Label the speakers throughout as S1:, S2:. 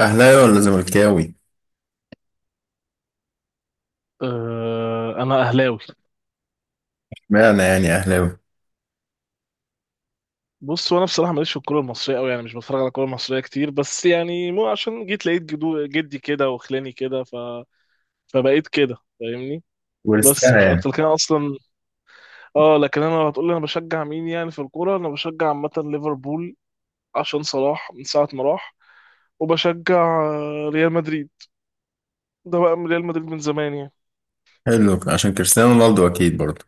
S1: أهلاوي ولا زملكاوي؟
S2: انا اهلاوي.
S1: اشمعنى يعني أهلاوي؟
S2: بص وانا بصراحه ماليش في الكوره المصريه قوي، يعني مش بتفرج على الكوره المصريه كتير، بس يعني مو عشان جيت لقيت جدو جدي كده وخلاني كده فبقيت كده فاهمني. بس
S1: ورثتها
S2: مش
S1: يعني.
S2: اكتر كده اصلا. اه، لكن انا لو هتقول لي انا بشجع مين يعني في الكوره، انا بشجع عامه ليفربول عشان صلاح من ساعه ما راح. وبشجع ريال مدريد. ده بقى من ريال مدريد من زمان يعني.
S1: حلو عشان كريستيانو رونالدو أكيد برضه.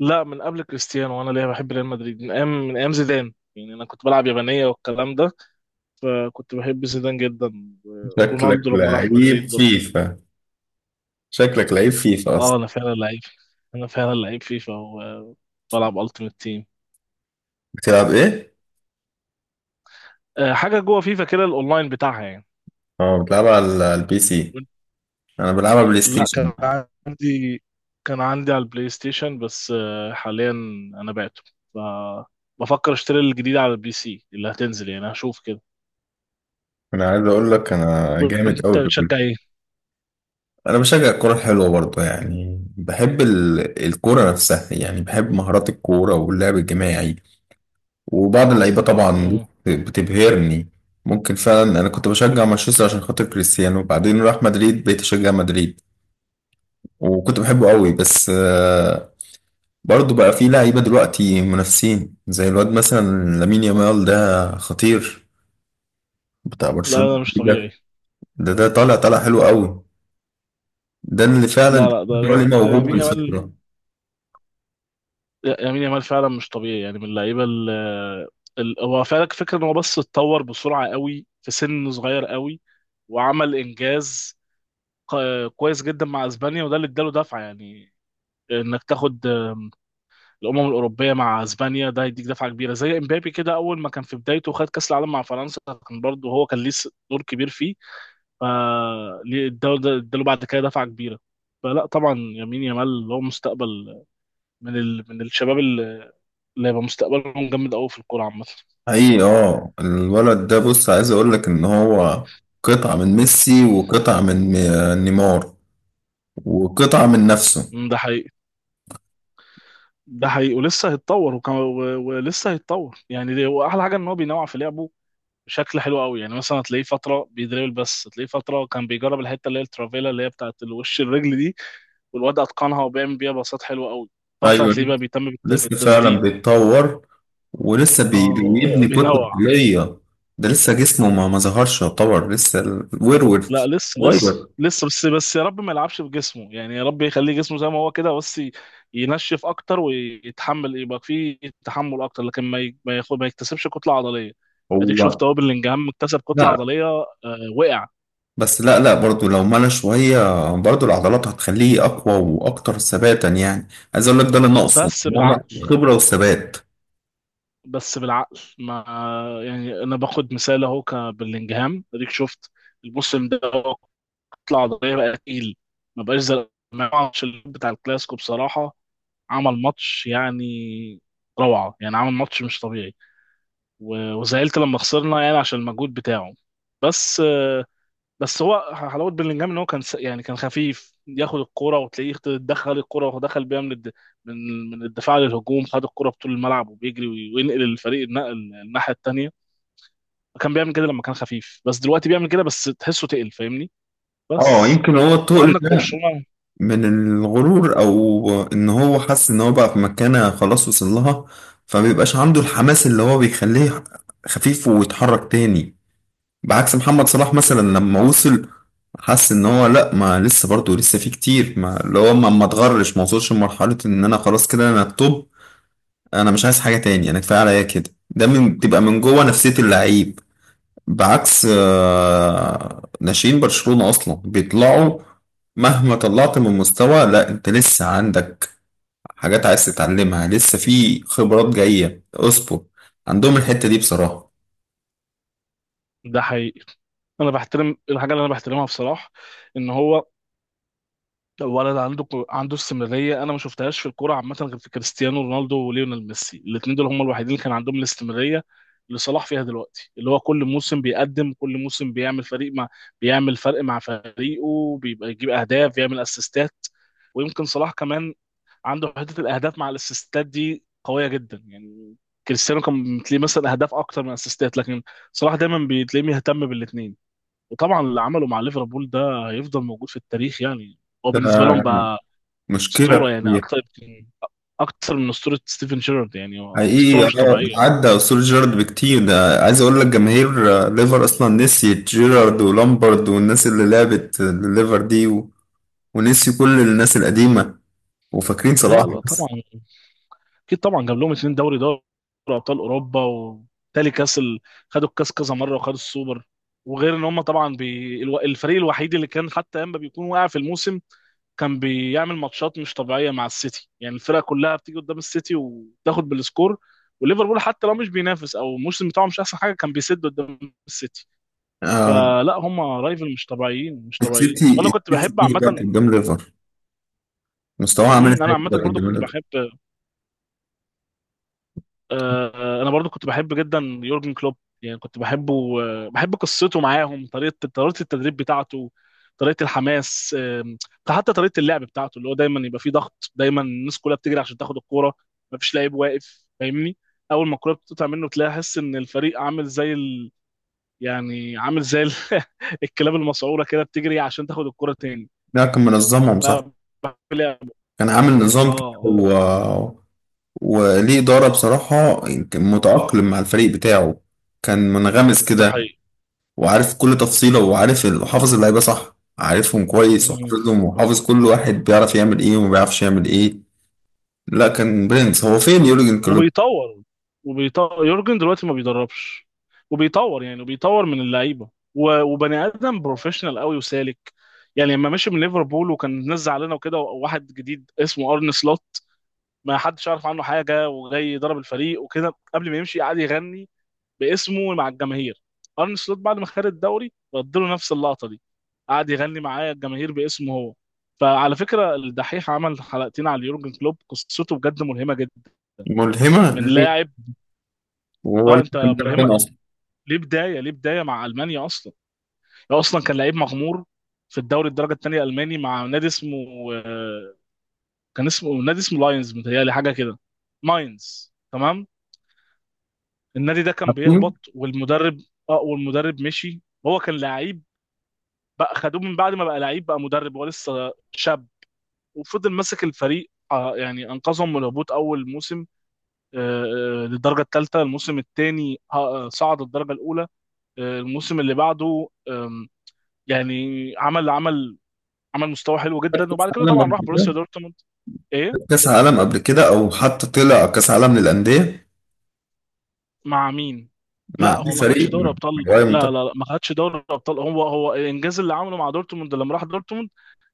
S2: لا، من قبل كريستيانو. وانا ليه بحب ريال مدريد من ايام من ايام زيدان يعني. انا كنت بلعب يابانيه والكلام ده، فكنت بحب زيدان جدا.
S1: شكلك
S2: رونالدو لما راح مدريد
S1: لعيب
S2: برضه.
S1: فيفا. شكلك لعيب فيفا
S2: اه
S1: أصلا.
S2: انا فعلا لعيب. انا فعلا لعيب فيفا وبلعب التيمت تيم.
S1: بتلعب إيه؟
S2: حاجه جوه فيفا كده، الاونلاين بتاعها يعني.
S1: أه بتلعب على البي سي. أنا بلعبها بلاي
S2: لا
S1: ستيشن.
S2: كان عندي، كان عندي على البلاي ستيشن بس. حاليا انا بعته، فبفكر اشتري الجديد على البي سي اللي هتنزل يعني، هشوف كده.
S1: أنا عايز أقول لك أنا جامد
S2: وانت
S1: أوي في
S2: بتشجع
S1: الكورة.
S2: ايه؟
S1: أنا بشجع الكورة الحلوة برضه، يعني بحب الكورة نفسها، يعني بحب مهارات الكورة واللعب الجماعي وبعض اللعيبه طبعا،
S2: مم.
S1: بتبهرني. ممكن فعلا انا كنت بشجع مانشستر عشان خاطر كريستيانو، وبعدين راح مدريد بقيت اشجع مدريد وكنت بحبه قوي. بس آه، برضه بقى في لعيبه دلوقتي منافسين زي الواد مثلا لامين يامال، ده خطير، بتاع
S2: لا
S1: برشلونه.
S2: لا مش
S1: ده
S2: طبيعي.
S1: ده طالع حلو قوي. ده اللي فعلا
S2: لا لا ده
S1: ده عليه موهوب
S2: يمين يامال.
S1: بالفطره.
S2: لا، يمين يامال فعلا مش طبيعي يعني، من اللعيبه هو فعلا فكره ان هو بس اتطور بسرعه قوي في سن صغير قوي، وعمل انجاز كويس جدا مع اسبانيا، وده اللي اداله دفعه يعني. انك تاخد الامم الاوروبيه مع اسبانيا، ده هيديك دفعه كبيره. زي امبابي كده، اول ما كان في بدايته خد كاس العالم مع فرنسا. كان برضه هو كان ليه دور كبير فيه. فاداله اداله ده- اداله بعد كده دفعه كبيره. فلا طبعا يمين يامال هو مستقبل من الشباب اللي هيبقى مستقبلهم جامد قوي في الكوره عامه.
S1: حقيقي اه الولد ده، بص عايز اقول لك ان هو قطعه من ميسي، وقطعه من نيمار، وقطعه من نفسه.
S2: مم، ده حقيقي. ده حقيقي ولسه هيتطور ولسه هيتطور يعني. واحلى حاجه ان هو بينوع في لعبه بشكل حلو قوي. يعني مثلا هتلاقيه فتره بيدريبل، بس هتلاقيه فتره كان بيجرب الحته اللي هي الترافيلا، اللي هي بتاعت الوش الرجل دي. والواد اتقنها وبيعمل بيها باصات حلوه قوي. فتره هتلاقيه
S1: ايوه
S2: بقى بيهتم
S1: لسه فعلا
S2: بالتسديد.
S1: بيتطور، ولسه
S2: اه،
S1: بيبني كتلة
S2: بينوع.
S1: عضلية. ده لسه جسمه ما ظهرش، يعتبر لسه الورور
S2: لا لسه لسه
S1: صغير.
S2: لسه بس يا رب ما يلعبش بجسمه، يعني يا رب يخليه جسمه زي ما هو كده، بس ينشف اكتر ويتحمل، يبقى فيه تحمل اكتر. لكن ما ي- ما ياخد ما يكتسبش كتله عضليه. اديك
S1: هو
S2: شفت اهو بلينجهام اكتسب كتله
S1: لا،
S2: عضليه. وقع.
S1: بس لا لا برضو لو ملى شوية برضو العضلات هتخليه أقوى وأكتر ثباتا، يعني عايز أقول لك ده اللي ناقصه،
S2: بس
S1: هو ناقصه
S2: بالعقل،
S1: خبرة وثبات.
S2: بس بالعقل. ما يعني انا باخد مثال اهو كبلينجهام، اديك شفت الموسم ده، هو كتله عضليه بقى تقيل. ما بقاش زي ما بتاع الكلاسيكو، بصراحه عمل ماتش يعني روعة، يعني عمل ماتش مش طبيعي. و- وزعلت لما خسرنا يعني عشان المجهود بتاعه. بس بس هو حلاوة بلينجهام ان هو كان يعني كان خفيف ياخد الكرة، وتلاقيه دخل الكرة ودخل بيها من من الدفاع للهجوم، خد الكرة بطول الملعب وبيجري وينقل الفريق، النقل الناحية التانية. كان بيعمل كده لما كان خفيف، بس دلوقتي بيعمل كده بس تحسه تقل فاهمني.
S1: اه
S2: بس
S1: يمكن هو التقل
S2: وعندك
S1: ده
S2: برشلونة.
S1: من الغرور او ان هو حس ان هو بقى في مكانة خلاص وصل لها، فمبيبقاش عنده الحماس اللي هو بيخليه خفيف ويتحرك تاني. بعكس محمد صلاح مثلا، لما وصل حس ان هو لا، ما لسه برضه لسه في كتير، ما اللي هو ما اتغرش، ما وصلش لمرحلة ان انا خلاص كده انا التوب، انا مش عايز حاجة تاني، انا كفاية عليا كده. ده من بتبقى من جوه نفسية اللعيب. بعكس ناشئين برشلونة أصلا بيطلعوا مهما طلعت من مستوى لا أنت لسه عندك حاجات عايز تتعلمها، لسه في خبرات جاية اصبر. عندهم الحتة دي بصراحة.
S2: ده حقيقي. انا بحترم الحاجة اللي انا بحترمها بصراحة، ان هو ولد عنده استمراريه. انا ما شفتهاش في الكوره عامه غير في كريستيانو رونالدو وليونيل ميسي. الاثنين دول هم الوحيدين اللي كان عندهم الاستمراريه اللي صلاح فيها دلوقتي، اللي هو كل موسم بيقدم، كل موسم بيعمل فريق مع بيعمل فرق مع فريقه، بيبقى يجيب اهداف، بيعمل اسيستات. ويمكن صلاح كمان عنده حته الاهداف مع الاسيستات دي قويه جدا يعني. كريستيانو كان بتلاقيه مثلا اهداف اكتر من اسيستات، لكن صلاح دايما بتلاقيه مهتم بالاثنين. وطبعا اللي عمله مع ليفربول ده هيفضل موجود في التاريخ يعني. هو بالنسبه لهم
S1: ده
S2: بقى
S1: مشكلة
S2: اسطوره يعني،
S1: كبيرة.
S2: اكتر من اسطوره ستيفن شيرارد يعني. هو اسطوره
S1: حقيقي
S2: مش
S1: اه،
S2: طبيعيه.
S1: عدى أسطورة جيرارد بكتير. ده عايز أقول لك جماهير ليفر أصلا نسيت جيرارد ولامبرد والناس اللي لعبت ليفر دي ونسيوا كل الناس القديمة وفاكرين صلاح
S2: لا لا طبعا.
S1: بس.
S2: اكيد طبعا جاب لهم اتنين دوري ابطال اوروبا، وتالي خدوا الكاس كذا مره وخدوا السوبر. وغير ان هم طبعا الفريق الوحيد اللي كان حتى اما بيكون واقع في الموسم، كان بيعمل ماتشات مش طبيعيه مع السيتي. يعني الفرقه كلها بتيجي قدام السيتي وتاخد بالسكور، وليفربول حتى لو مش بينافس او الموسم بتاعه مش احسن حاجه، كان بيسد قدام السيتي.
S1: آه،
S2: فلا هم رايفل مش طبيعيين، مش طبيعيين.
S1: السيتي،
S2: وانا كنت بحب
S1: السيتي ايه
S2: عامه.
S1: دلوقتي قدام ليفر؟ مستواه عامل
S2: مم، انا
S1: ازاي
S2: عامه
S1: دلوقتي
S2: برضو
S1: قدام
S2: كنت
S1: ليفر؟
S2: بحب، انا برضو كنت بحب جدا يورجن كلوب. يعني كنت بحبه، بحب قصته معاهم، طريقه التدريب بتاعته، طريقه الحماس. حتى طريقه اللعب بتاعته، اللي هو دايما يبقى فيه ضغط، دايما الناس كلها بتجري عشان تاخد الكوره، مفيش لعيب واقف فاهمني. اول ما الكوره بتقطع منه تلاقي احس ان الفريق عامل يعني الكلاب المسعوره كده بتجري عشان تاخد الكوره تاني.
S1: لا كان منظمهم صح،
S2: ف- لعب.
S1: كان عامل
S2: اه
S1: نظام كده
S2: اه،
S1: وليه إدارة بصراحة. كان متأقلم مع الفريق بتاعه، كان منغمس
S2: ده
S1: كده وعارف كل تفصيلة وعارف وحافظ اللعيبة صح، عارفهم كويس
S2: حقيقي.
S1: وحافظهم، وحافظ كل واحد بيعرف يعمل ايه وما بيعرفش يعمل ايه. لا كان برنس. هو فين يورجن كلوب؟
S2: وبيطور، وبيطور. يورجن دلوقتي ما بيدربش. وبيطور يعني، وبيطور من اللعيبه. وبني ادم بروفيشنال قوي وسالك يعني. لما مشي من ليفربول وكان الناس زعلانه وكده، وواحد جديد اسمه ارن سلوت ما حدش عارف عنه حاجه وجاي يضرب الفريق وكده، قبل ما يمشي قعد يغني باسمه مع الجماهير. ارن سلوت بعد ما خد الدوري رد له نفس اللقطه دي، قعد يغني معاه الجماهير باسمه هو. فعلى فكره الدحيح عمل حلقتين على يورجن كلوب، قصته بجد ملهمه جدا، من
S1: ملهمة ليه؟
S2: لاعب.
S1: وهو
S2: اه
S1: اللي
S2: انت،
S1: كان بيعرف
S2: ملهمه
S1: يكون أصلا؟
S2: ليه بدايه، ليه بدايه مع المانيا اصلا. هو اصلا كان لعيب مغمور في الدوري الدرجه الثانيه الالماني مع نادي اسمه آه، كان اسمه، نادي اسمه لاينز، متهيألي حاجه كده. ماينز تمام. النادي ده كان
S1: عارفينه؟
S2: بيهبط والمدرب، اه والمدرب مشي. هو كان لعيب، بقى خدوه من بعد ما بقى لعيب بقى مدرب، هو لسه شاب. وفضل ماسك الفريق، يعني انقذهم من الهبوط اول موسم. آه، للدرجه الثالثه. الموسم الثاني صعد الدرجه الاولى. الموسم اللي بعده يعني عمل عمل مستوى حلو
S1: عارف
S2: جدا.
S1: كأس
S2: وبعد كده
S1: العالم؟
S2: طبعا راح بروسيا دورتموند. ايه،
S1: كاس عالم قبل كده، او حتى طلع كاس عالم للانديه؟
S2: مع مين؟
S1: مع
S2: لا هو
S1: اي
S2: ما خدش
S1: فريق
S2: دوري
S1: من
S2: ابطال،
S1: غير
S2: لا
S1: منتخب؟
S2: لا لا ما خدش دوري ابطال. هو، هو الانجاز اللي عمله مع دورتموند لما راح دورتموند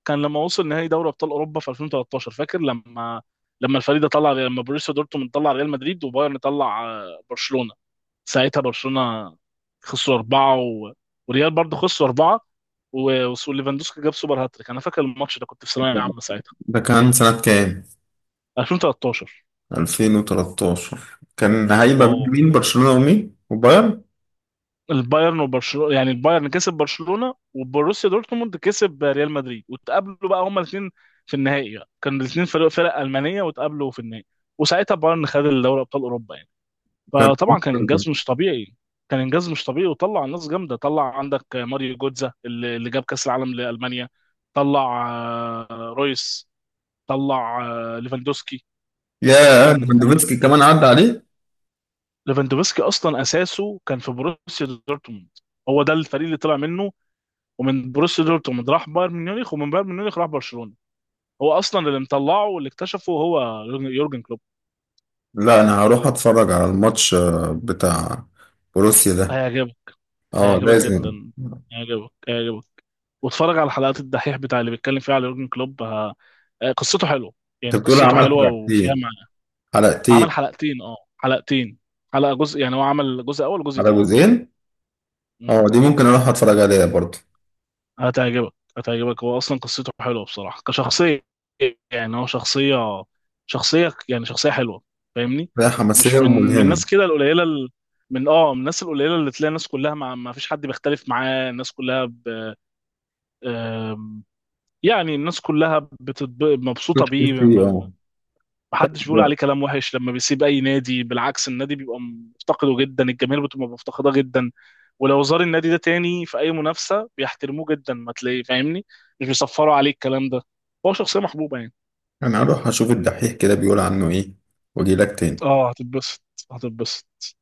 S2: كان لما وصل نهائي دوري ابطال اوروبا في 2013. فاكر لما، لما الفريق ده طلع، لما بروسيا دورتموند طلع ريال مدريد وبايرن طلع برشلونة. ساعتها برشلونة خسروا أربعة و... وريال برضه خسروا أربعة و... وليفاندوسكي جاب سوبر هاتريك. أنا فاكر الماتش ده، كنت في ثانوية عامة ساعتها.
S1: ده كان سنه كام؟
S2: 2013.
S1: 2013 كان هيبقى بين
S2: اه،
S1: مين؟ برشلونه ومين وبايرن؟
S2: البايرن وبرشلونه. يعني البايرن كسب برشلونه وبروسيا دورتموند كسب ريال مدريد، واتقابلوا بقى هما الاثنين في النهائي بقى، كانوا الاثنين فرق المانيه واتقابلوا في النهائي. وساعتها بايرن خد الدوري ابطال اوروبا يعني.
S1: كان.
S2: فطبعا كان انجاز مش طبيعي. كان انجاز مش طبيعي، وطلع ناس جامده. طلع عندك ماريو جوتزا اللي جاب كاس العالم لالمانيا. طلع رويس، طلع ليفاندوسكي.
S1: يا
S2: كان
S1: ليفاندوفسكي كمان عدى عليه.
S2: ليفاندوفسكي اصلا اساسه كان في بروسيا دورتموند. هو ده الفريق اللي طلع منه، ومن بروسيا دورتموند راح بايرن ميونخ، ومن بايرن ميونخ راح برشلونه. هو اصلا اللي مطلعه واللي اكتشفه هو يورجن كلوب.
S1: لا انا هروح اتفرج على الماتش بتاع بروسيا ده.
S2: هيعجبك
S1: اه
S2: هيعجبك
S1: لازم.
S2: جدا، هيعجبك هيعجبك. واتفرج على حلقات الدحيح بتاع اللي بيتكلم فيها على يورجن كلوب. ه... آه، قصته حلوه
S1: انت
S2: يعني،
S1: بتقول
S2: قصته
S1: عمل
S2: حلوه وفيها
S1: حلقتين؟
S2: معنى.
S1: حلقتين
S2: عمل حلقتين، اه حلقتين، حلقه جزء يعني، هو عمل جزء اول وجزء
S1: على
S2: تاني.
S1: جزئين؟ اه دي ممكن اروح اتفرج عليها برضه.
S2: هتعجبك، هتعجبك. هو اصلا قصته حلوه بصراحه كشخصيه. يعني هو شخصيه، شخصيه حلوه فاهمني.
S1: هي حماسيه
S2: مش من
S1: وملهمه.
S2: الناس كده القليله من، اه من الناس القليله اللي تلاقي الناس كلها مع، ما فيش حد بيختلف معاه، الناس كلها ب... آم، يعني الناس كلها مبسوطه
S1: تشكر
S2: بيه.
S1: فيه اه.
S2: ما حدش بيقول عليه كلام وحش. لما بيسيب اي نادي، بالعكس، النادي بيبقى مفتقده جدا، الجماهير بتبقى مفتقده جدا. ولو زار النادي ده تاني في اي منافسه بيحترموه جدا ما تلاقيه فاهمني، مش بيصفروا عليه الكلام ده. هو شخصيه محبوبه يعني.
S1: انا هروح اشوف الدحيح كده بيقول عنه ايه، واجي لك تاني.
S2: اه هتتبسط، هتتبسط.